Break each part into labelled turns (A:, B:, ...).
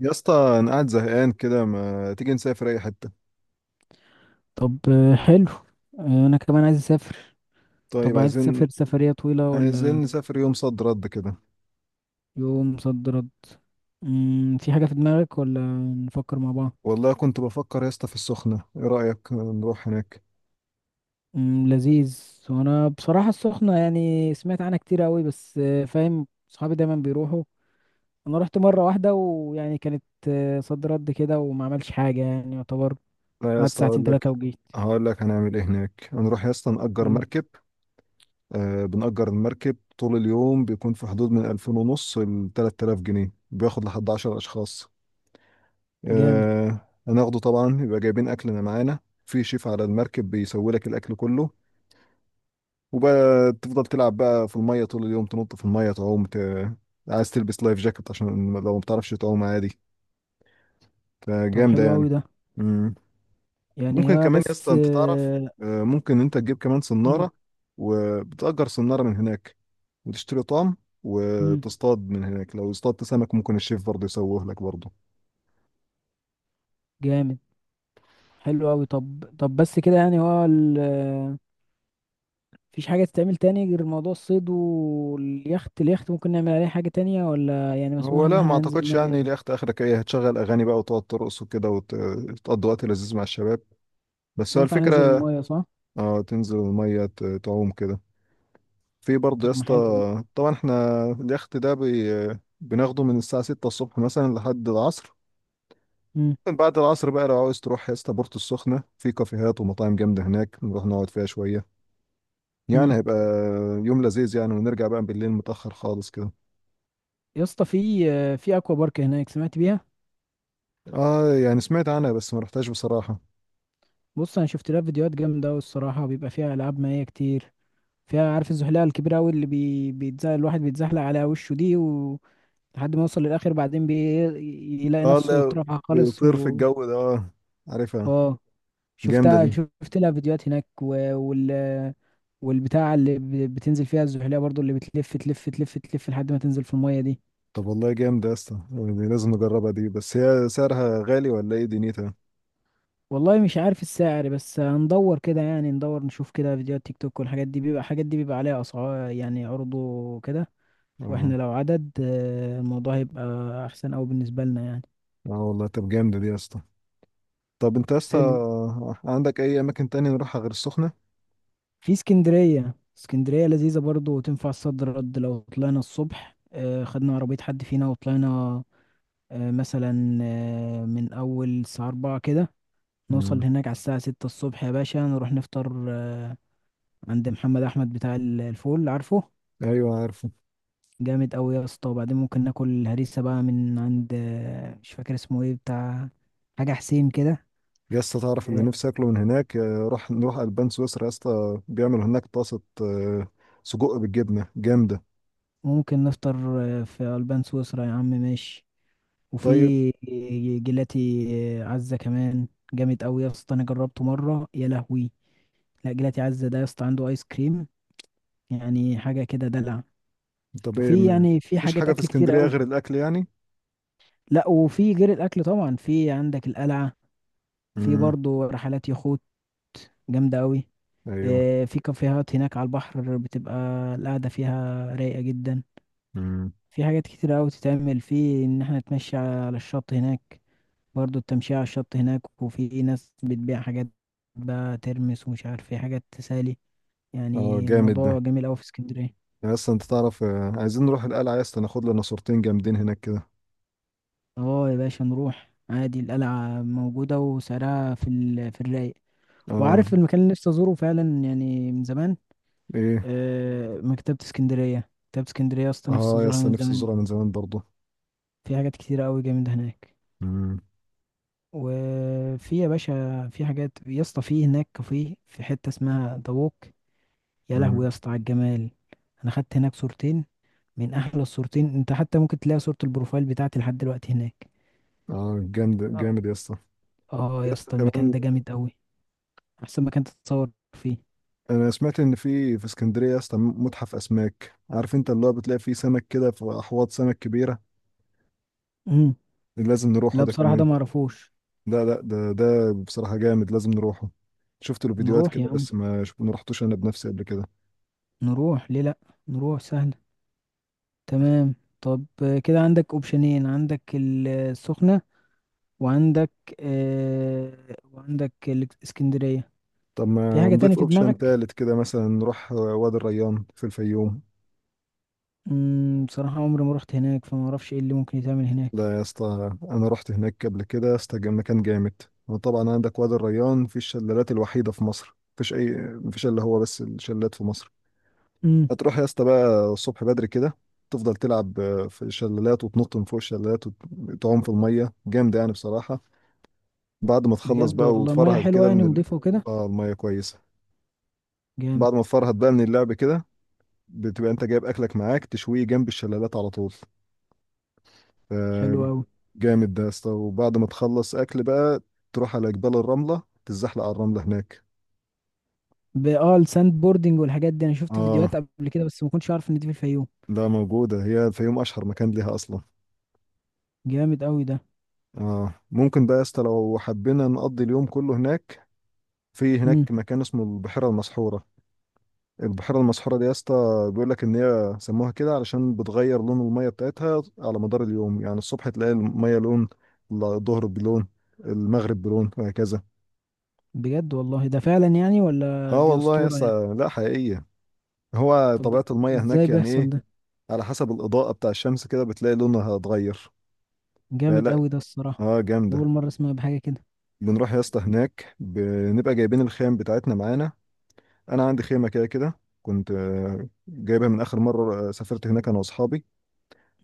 A: يا اسطى، انا قاعد زهقان كده. ما تيجي نسافر اي حته؟
B: طب، حلو. انا كمان عايز اسافر. طب،
A: طيب
B: عايز
A: عايزين
B: تسافر سفرية طويلة
A: عايزين
B: ولا؟
A: نسافر يوم صد رد كده.
B: يوم صد رد. في حاجة في دماغك ولا؟ نفكر مع بعض.
A: والله كنت بفكر يا اسطى في السخنه، ايه رايك نروح هناك؟
B: لذيذ. وانا بصراحة السخنة يعني سمعت عنها كتير قوي، بس فاهم صحابي دايما بيروحوا. انا رحت مرة واحدة ويعني كانت صد رد كده وما عملش حاجة يعني يعتبر.
A: لا يا
B: قعدت
A: اسطى
B: ساعتين
A: اقول لك،
B: ثلاثة وجيت.
A: هقول لك هنعمل ايه هناك. هنروح يا اسطى نأجر
B: قول.
A: مركب. آه، بنأجر المركب طول اليوم. بيكون في حدود من 2500 ونص ل 3000 جنيه. بياخد لحد 10 اشخاص.
B: جامد.
A: آه هناخده طبعا، يبقى جايبين اكلنا معانا. في شيف على المركب بيسوي لك الاكل كله. وبقى تفضل تلعب بقى في المية طول اليوم، تنط في المية، تعوم، عايز تلبس لايف جاكيت عشان لو ما بتعرفش تعوم، عادي.
B: طب،
A: فجامدة
B: حلو قوي
A: يعني.
B: ده.
A: مم.
B: يعني
A: ممكن
B: هو
A: كمان يا
B: بس
A: اسطى انت تعرف،
B: آه،
A: ممكن انت تجيب كمان
B: مم.
A: صنارة، وبتأجر صنارة من هناك، وتشتري طعم،
B: مم.
A: وتصطاد من هناك. لو اصطادت سمك ممكن الشيف برضه يسويه لك برضه.
B: جامد. حلو قوي. طب بس كده يعني هو مفيش حاجة تتعمل تاني غير موضوع الصيد واليخت. اليخت ممكن نعمل عليه حاجة تانية ولا يعني مسموح
A: هو
B: ان
A: لا، ما
B: احنا ننزل
A: اعتقدش. يعني
B: نعمل؟
A: لاخت اخرك ايه؟ هتشغل اغاني بقى وتقعد ترقص وكده، وتقضي وقت لذيذ مع الشباب.
B: بس
A: بس هو
B: ينفع ننزل
A: الفكرة.
B: المية، صح؟
A: اه، تنزل المية تعوم كده. في برضه يا
B: طب ما
A: اسطى،
B: حلو ده.
A: طبعا احنا اليخت ده بناخده من الساعة 6 الصبح مثلا لحد العصر.
B: امم.
A: بعد العصر بقى لو عاوز تروح يا اسطى بورتو السخنة، في كافيهات ومطاعم جامدة هناك، نروح نقعد فيها شوية. يعني
B: امم.
A: هيبقى يوم لذيذ يعني، ونرجع بقى بالليل متأخر خالص كده.
B: يا اسطى، في اكوا بارك هناك، سمعت بيها؟
A: اه، يعني سمعت عنها بس ما رحتهاش بصراحة.
B: بص، انا شفت لها فيديوهات جامدة أوي الصراحة، بيبقى فيها العاب مائية كتير. فيها، عارف، الزحليقة الكبيرة أوي اللي بيتزحلق الواحد، بيتزحلق على وشه دي. لحد ما يوصل للآخر، بعدين. يلاقي
A: اه
B: نفسه
A: لا،
B: اترفع خالص
A: بيطير في
B: و...
A: الجو ده، اه. عارفها،
B: اه،
A: جامدة
B: شفتها،
A: دي.
B: شفت لها فيديوهات هناك. والبتاع اللي بتنزل فيها الزحلية برضو، اللي بتلف تلف تلف تلف لحد ما تنزل في المية دي.
A: طب والله جامدة يا اسطى دي، لازم نجربها دي. بس هي سعرها غالي ولا ايه دنيتها؟
B: والله مش عارف السعر، بس هندور كده، يعني ندور نشوف كده فيديوهات تيك توك والحاجات دي، بيبقى الحاجات دي بيبقى عليها أسعار يعني عروض وكده. واحنا
A: اه.
B: لو عدد، الموضوع هيبقى أحسن أوي بالنسبة لنا يعني.
A: اه والله، طب جامدة دي يا اسطى. طب انت لسه
B: حلو.
A: عندك اي اماكن تانية نروحها غير السخنة؟
B: في اسكندرية. اسكندرية لذيذة برضو وتنفع صد رد. لو طلعنا الصبح خدنا عربية حد فينا وطلعنا مثلا من أول الساعة 4 كده، نوصل
A: مم.
B: هناك على الساعة 6 الصبح. يا باشا، نروح نفطر عند محمد أحمد بتاع الفول، عارفه.
A: ايوه، عارفه.
B: جامد أوي يا اسطى. وبعدين ممكن ناكل هريسة بقى من عند، مش فاكر اسمه ايه، بتاع حاجة حسين كده.
A: يا اسطى تعرف اللي
B: آه،
A: نفسي اكله من هناك؟ يا روح نروح البان سويسرا يا اسطى، بيعملوا هناك طاسة سجق بالجبنة جامدة.
B: ممكن نفطر في ألبان سويسرا يا عم، ماشي. وفي
A: طيب.
B: جيلاتي عزة كمان، جامد أوي يا اسطى. أنا جربته مرة، يا لهوي. لا، جيلاتي عزة ده يا اسطى عنده آيس كريم، يعني حاجة كده دلع.
A: طب ايه
B: وفي
A: م-
B: يعني في
A: مفيش
B: حاجات
A: حاجة في
B: اكل كتير
A: اسكندرية
B: قوي.
A: غير الاكل يعني؟
B: لا، وفي غير الاكل طبعا، في عندك القلعه. في
A: امم.
B: برضو رحلات يخوت جامده قوي.
A: ايوه.
B: في كافيهات هناك على البحر، بتبقى القعده فيها رايقه جدا.
A: امم.
B: في حاجات كتير قوي تتعمل، في ان احنا نتمشى على الشط هناك. برضو التمشية على الشط هناك، وفي ناس بتبيع حاجات بقى، ترمس ومش عارف ايه، حاجات تسالي
A: اه
B: يعني.
A: جامد ده.
B: الموضوع جميل قوي في اسكندريه.
A: يا اسطى انت تعرف، عايزين نروح القلعة يا اسطى، ناخد لنا صورتين جامدين هناك كده.
B: اه يا باشا، نروح عادي. القلعه موجوده وسعرها في. في الرايق.
A: اه.
B: وعارف المكان اللي نفسي ازوره فعلا يعني من زمان؟
A: ايه؟
B: مكتبة اسكندرية. مكتبة اسكندرية يا اسطى، نفسي
A: اه يا
B: ازورها
A: اسطى،
B: من
A: نفسي
B: زمان.
A: ازورها من زمان برضه.
B: في حاجات كتيرة قوي جامدة هناك.
A: امم.
B: وفي يا باشا، في حاجات يا اسطى، في هناك كافيه في حتة اسمها دووك. يا لهوي
A: امم.
B: يا اسطى على الجمال. انا خدت هناك صورتين من احلى الصورتين. انت حتى ممكن تلاقي صورة البروفايل بتاعتي لحد دلوقتي هناك.
A: اه جامد
B: اه.
A: جامد يا اسطى.
B: آه
A: يا
B: يا
A: اسطى
B: اسطى، المكان
A: كمان،
B: ده جامد قوي. احسن مكان تتصور فيه.
A: انا سمعت ان في اسكندريه يا اسطى متحف اسماك. عارف انت، اللي هو بتلاقي فيه سمك كده في احواض سمك كبيره.
B: امم.
A: لازم نروحه
B: لا،
A: ده
B: بصراحة ده
A: كمان.
B: معرفوش.
A: لا لا، ده بصراحه جامد، لازم نروحه. شفت له فيديوهات
B: نروح يا
A: كده،
B: عم.
A: بس ما رحتوش انا بنفسي قبل كده.
B: نروح ليه لأ. نروح سهل. تمام. طب، كده عندك اوبشنين. عندك السخنة، وعندك، وعندك الاسكندرية.
A: طب
B: في
A: ما
B: حاجة تانية
A: نضيف
B: في
A: اوبشن
B: دماغك؟
A: تالت كده مثلا، نروح وادي الريان في الفيوم.
B: بصراحة عمري ما رحت هناك، فما اعرفش ايه اللي ممكن يتعمل هناك.
A: لا يا اسطى، انا رحت هناك قبل كده يا اسطى، كان مكان جامد. وطبعا عندك وادي الريان، في الشلالات الوحيده في مصر، مفيش الا هو بس الشلالات في مصر.
B: امم.
A: هتروح يا اسطى بقى الصبح بدري كده، تفضل تلعب في الشلالات، وتنط من فوق الشلالات، وتعوم في الميه، جامد يعني بصراحه. بعد ما تخلص
B: بجد،
A: بقى
B: والله مياه
A: وتفرهد
B: حلوة
A: كده
B: يعني
A: من
B: ونضيفة وكده؟
A: اه الميه كويسه.
B: جامد.
A: بعد ما تفرهد بقى من اللعب كده، بتبقى انت جايب اكلك معاك، تشويه جنب الشلالات على طول.
B: حلو قوي.
A: جامد ده يا اسطى. وبعد ما تخلص اكل بقى، تروح على جبال الرمله، تتزحلق على الرمله هناك.
B: اه، الساند بوردنج والحاجات دي انا شفت
A: اه
B: فيديوهات قبل كده، بس ما كنتش عارف ان دي في الفيوم.
A: لا، موجوده هي، الفيوم اشهر مكان ليها اصلا.
B: جامد قوي ده.
A: اه، ممكن بقى يا اسطى لو حبينا نقضي اليوم كله هناك، في هناك
B: امم.
A: مكان اسمه البحيرة المسحورة. البحيرة المسحورة دي يا اسطى، بيقول لك ان هي سموها كده علشان بتغير لون المية بتاعتها على مدار اليوم. يعني الصبح تلاقي المية لون، الظهر بلون، المغرب بلون، وهكذا.
B: بجد والله ده فعلا يعني، ولا
A: اه
B: دي
A: والله يا
B: اسطورة يعني؟
A: اسطى، لا حقيقية، هو
B: طب،
A: طبيعة المية
B: ازاي
A: هناك يعني
B: بيحصل
A: ايه،
B: ده؟
A: على حسب الإضاءة بتاع الشمس كده بتلاقي لونها اتغير. لا
B: جامد
A: لا.
B: قوي ده الصراحة.
A: اه
B: أول
A: جامدة.
B: مرة أسمع بحاجة كده.
A: بنروح يا اسطى هناك بنبقى جايبين الخيم بتاعتنا معانا. انا عندي خيمة كده كده، كنت جايبها من اخر مرة سافرت هناك انا واصحابي.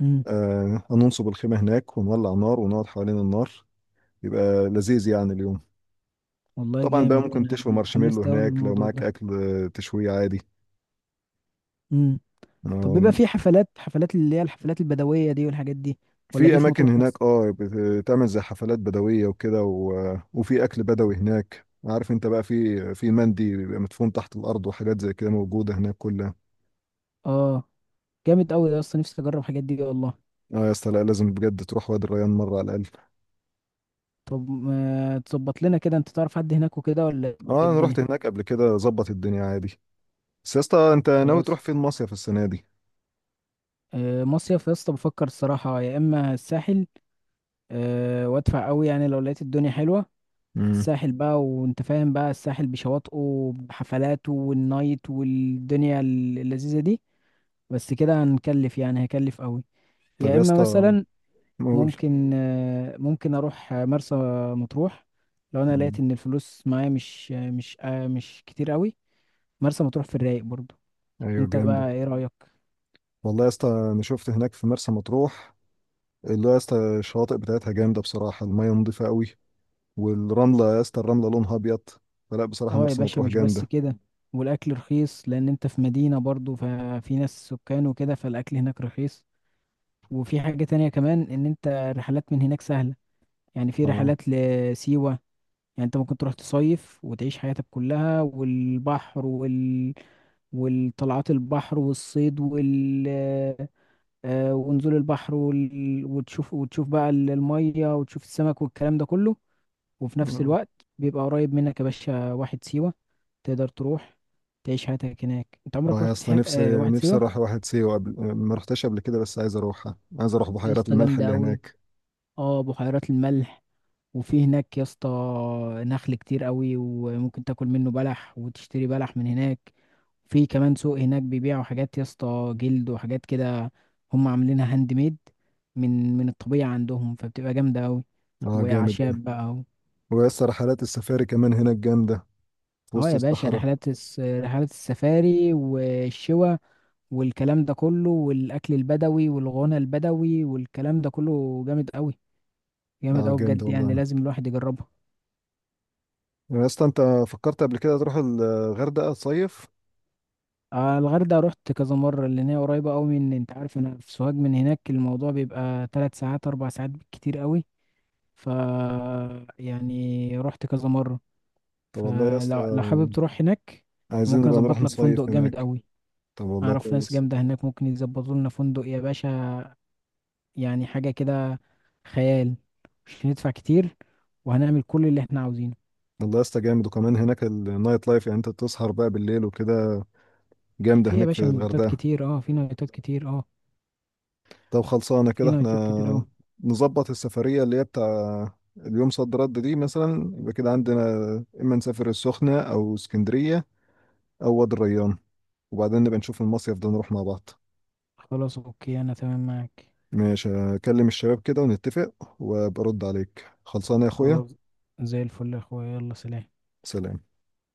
B: امم.
A: هننصب الخيمة هناك ونولع نار، ونقعد حوالين النار، يبقى لذيذ يعني اليوم.
B: والله
A: طبعا بقى
B: جامد،
A: ممكن
B: أنا
A: تشوي مارشميلو
B: اتحمست أوي
A: هناك لو
B: للموضوع
A: معاك
B: ده.
A: أكل، تشويه عادي.
B: امم. طب، بيبقى
A: آه،
B: في حفلات، حفلات اللي هي الحفلات البدوية دي والحاجات دي؟ ولا
A: في
B: دي في
A: أماكن
B: مطروح بس؟
A: هناك اه بتعمل زي حفلات بدوية وكده، وفي أكل بدوي هناك. عارف انت بقى، في مندي بيبقى مدفون تحت الأرض، وحاجات زي كده موجودة هناك كلها.
B: اه. جامد قوي ده أصلا، نفسي أجرب الحاجات دي والله.
A: اه يا اسطى، لا لازم بجد تروح وادي الريان مرة على الأقل.
B: طب ما تظبط لنا كده، أنت تعرف حد هناك وكده ولا؟ إيه
A: اه أنا
B: الدنيا؟
A: رحت هناك قبل كده، ظبط الدنيا عادي. بس يا اسطى، انت ناوي تروح
B: خلاص.
A: فين مصيف السنة دي؟
B: آه مصيف، يا اسطى بفكر الصراحة، يا إما الساحل، وأدفع قوي يعني لو لقيت الدنيا حلوة.
A: مم.
B: الساحل بقى، وانت فاهم بقى، الساحل بشواطئه بحفلاته والنايت والدنيا اللذيذة دي. بس كده هنكلف يعني، هيكلف قوي.
A: طب
B: يا
A: يا
B: اما
A: اسطى،
B: مثلا،
A: قول.
B: ممكن، ممكن اروح مرسى مطروح لو انا
A: مم.
B: لقيت ان الفلوس معايا مش، مش كتير قوي. مرسى مطروح في الرايق برضو.
A: ايوه
B: انت
A: جامده.
B: بقى ايه رأيك؟
A: والله يا اسطى، انا شفت هناك في مرسى مطروح اللي هو يا اسطى الشواطئ بتاعتها جامده بصراحه، الميه نظيفه قوي، والرمله يا اسطى الرمله لونها ابيض. فلا بصراحه
B: اه يا
A: مرسى
B: باشا،
A: مطروح
B: مش بس
A: جامده.
B: كده. والاكل رخيص لان انت في مدينة برضو، ففي ناس سكان وكده، فالاكل هناك رخيص. وفي حاجة تانية كمان، ان انت الرحلات من هناك سهلة. يعني في
A: اه.
B: رحلات لسيوة. يعني انت ممكن تروح تصيف وتعيش حياتك كلها، والبحر. والطلعات البحر والصيد. ونزول البحر وتشوف، وتشوف بقى المية وتشوف السمك والكلام ده كله. وفي نفس
A: اه.
B: الوقت، بيبقى قريب منك يا باشا واحد سيوة، تقدر تروح تعيش حياتك هناك. انت
A: آه
B: عمرك
A: يا
B: رحت
A: اسطى،
B: حياة
A: نفسي،
B: واحد
A: نفسي
B: سيوة؟
A: اروح واحد سيوه. قبل، ما رحتش قبل كده، بس عايز اروحها، عايز اروح
B: يا
A: بحيرات
B: اسطى،
A: الملح
B: جامدة
A: اللي
B: أوي.
A: هناك.
B: اه، بحيرات الملح. وفي هناك يا اسطى نخل كتير قوي، وممكن تاكل منه بلح وتشتري بلح من هناك. في كمان سوق هناك بيبيعوا حاجات يا اسطى، جلد وحاجات كده. هم عاملينها هاند ميد، من الطبيعة عندهم، فبتبقى جامدة قوي.
A: اه جامد ده.
B: وأعشاب بقى.
A: ويا اسطى رحلات السفاري كمان هناك جامده، في
B: اه
A: وسط
B: يا باشا،
A: الصحراء.
B: رحلات رحلات السفاري والشوا والكلام ده كله، والأكل البدوي والغنى البدوي والكلام ده كله جامد قوي.
A: اه
B: جامد قوي
A: جامده
B: بجد
A: والله.
B: يعني، لازم الواحد يجربها.
A: يا اسطى انت فكرت قبل كده تروح الغردقه صيف؟
B: آه الغردقة رحت كذا مرة، لأن هي قريبة أوي. من، أنت عارف، أنا في سوهاج، من هناك الموضوع بيبقى 3 ساعات 4 ساعات بالكتير أوي. ف، يعني رحت كذا مرة.
A: طب والله يا اسطى،
B: فلو حابب تروح هناك،
A: عايزين
B: ممكن
A: نبقى نروح
B: أظبط لك فندق
A: نصيف
B: جامد
A: هناك.
B: أوي.
A: طب والله
B: أعرف ناس
A: كويس.
B: جامدة هناك، ممكن يظبطوا لنا فندق يا باشا، يعني حاجة كده خيال. مش هندفع كتير، وهنعمل كل اللي احنا عاوزينه.
A: والله يا اسطى جامد، وكمان هناك النايت لايف، يعني انت تسهر بقى بالليل وكده. جامدة
B: في يا
A: هناك في
B: باشا نايتات
A: الغردقة.
B: كتير، اه في نايتات كتير، اه
A: طب خلصانة
B: في
A: كده
B: نايتات كتير
A: احنا.
B: أوي.
A: نظبط السفرية اللي هي بتاع اليوم صد رد دي مثلا، يبقى كده عندنا، اما نسافر السخنة، او اسكندرية، او وادي الريان. وبعدين نبقى نشوف المصيف ده نروح مع بعض.
B: خلاص، أوكي، أنا تمام معاك.
A: ماشي. اكلم الشباب كده ونتفق، وبرد عليك، خلصانة يا اخويا.
B: خلاص، زي الفل يا اخويا، يلا سلام.
A: سلام.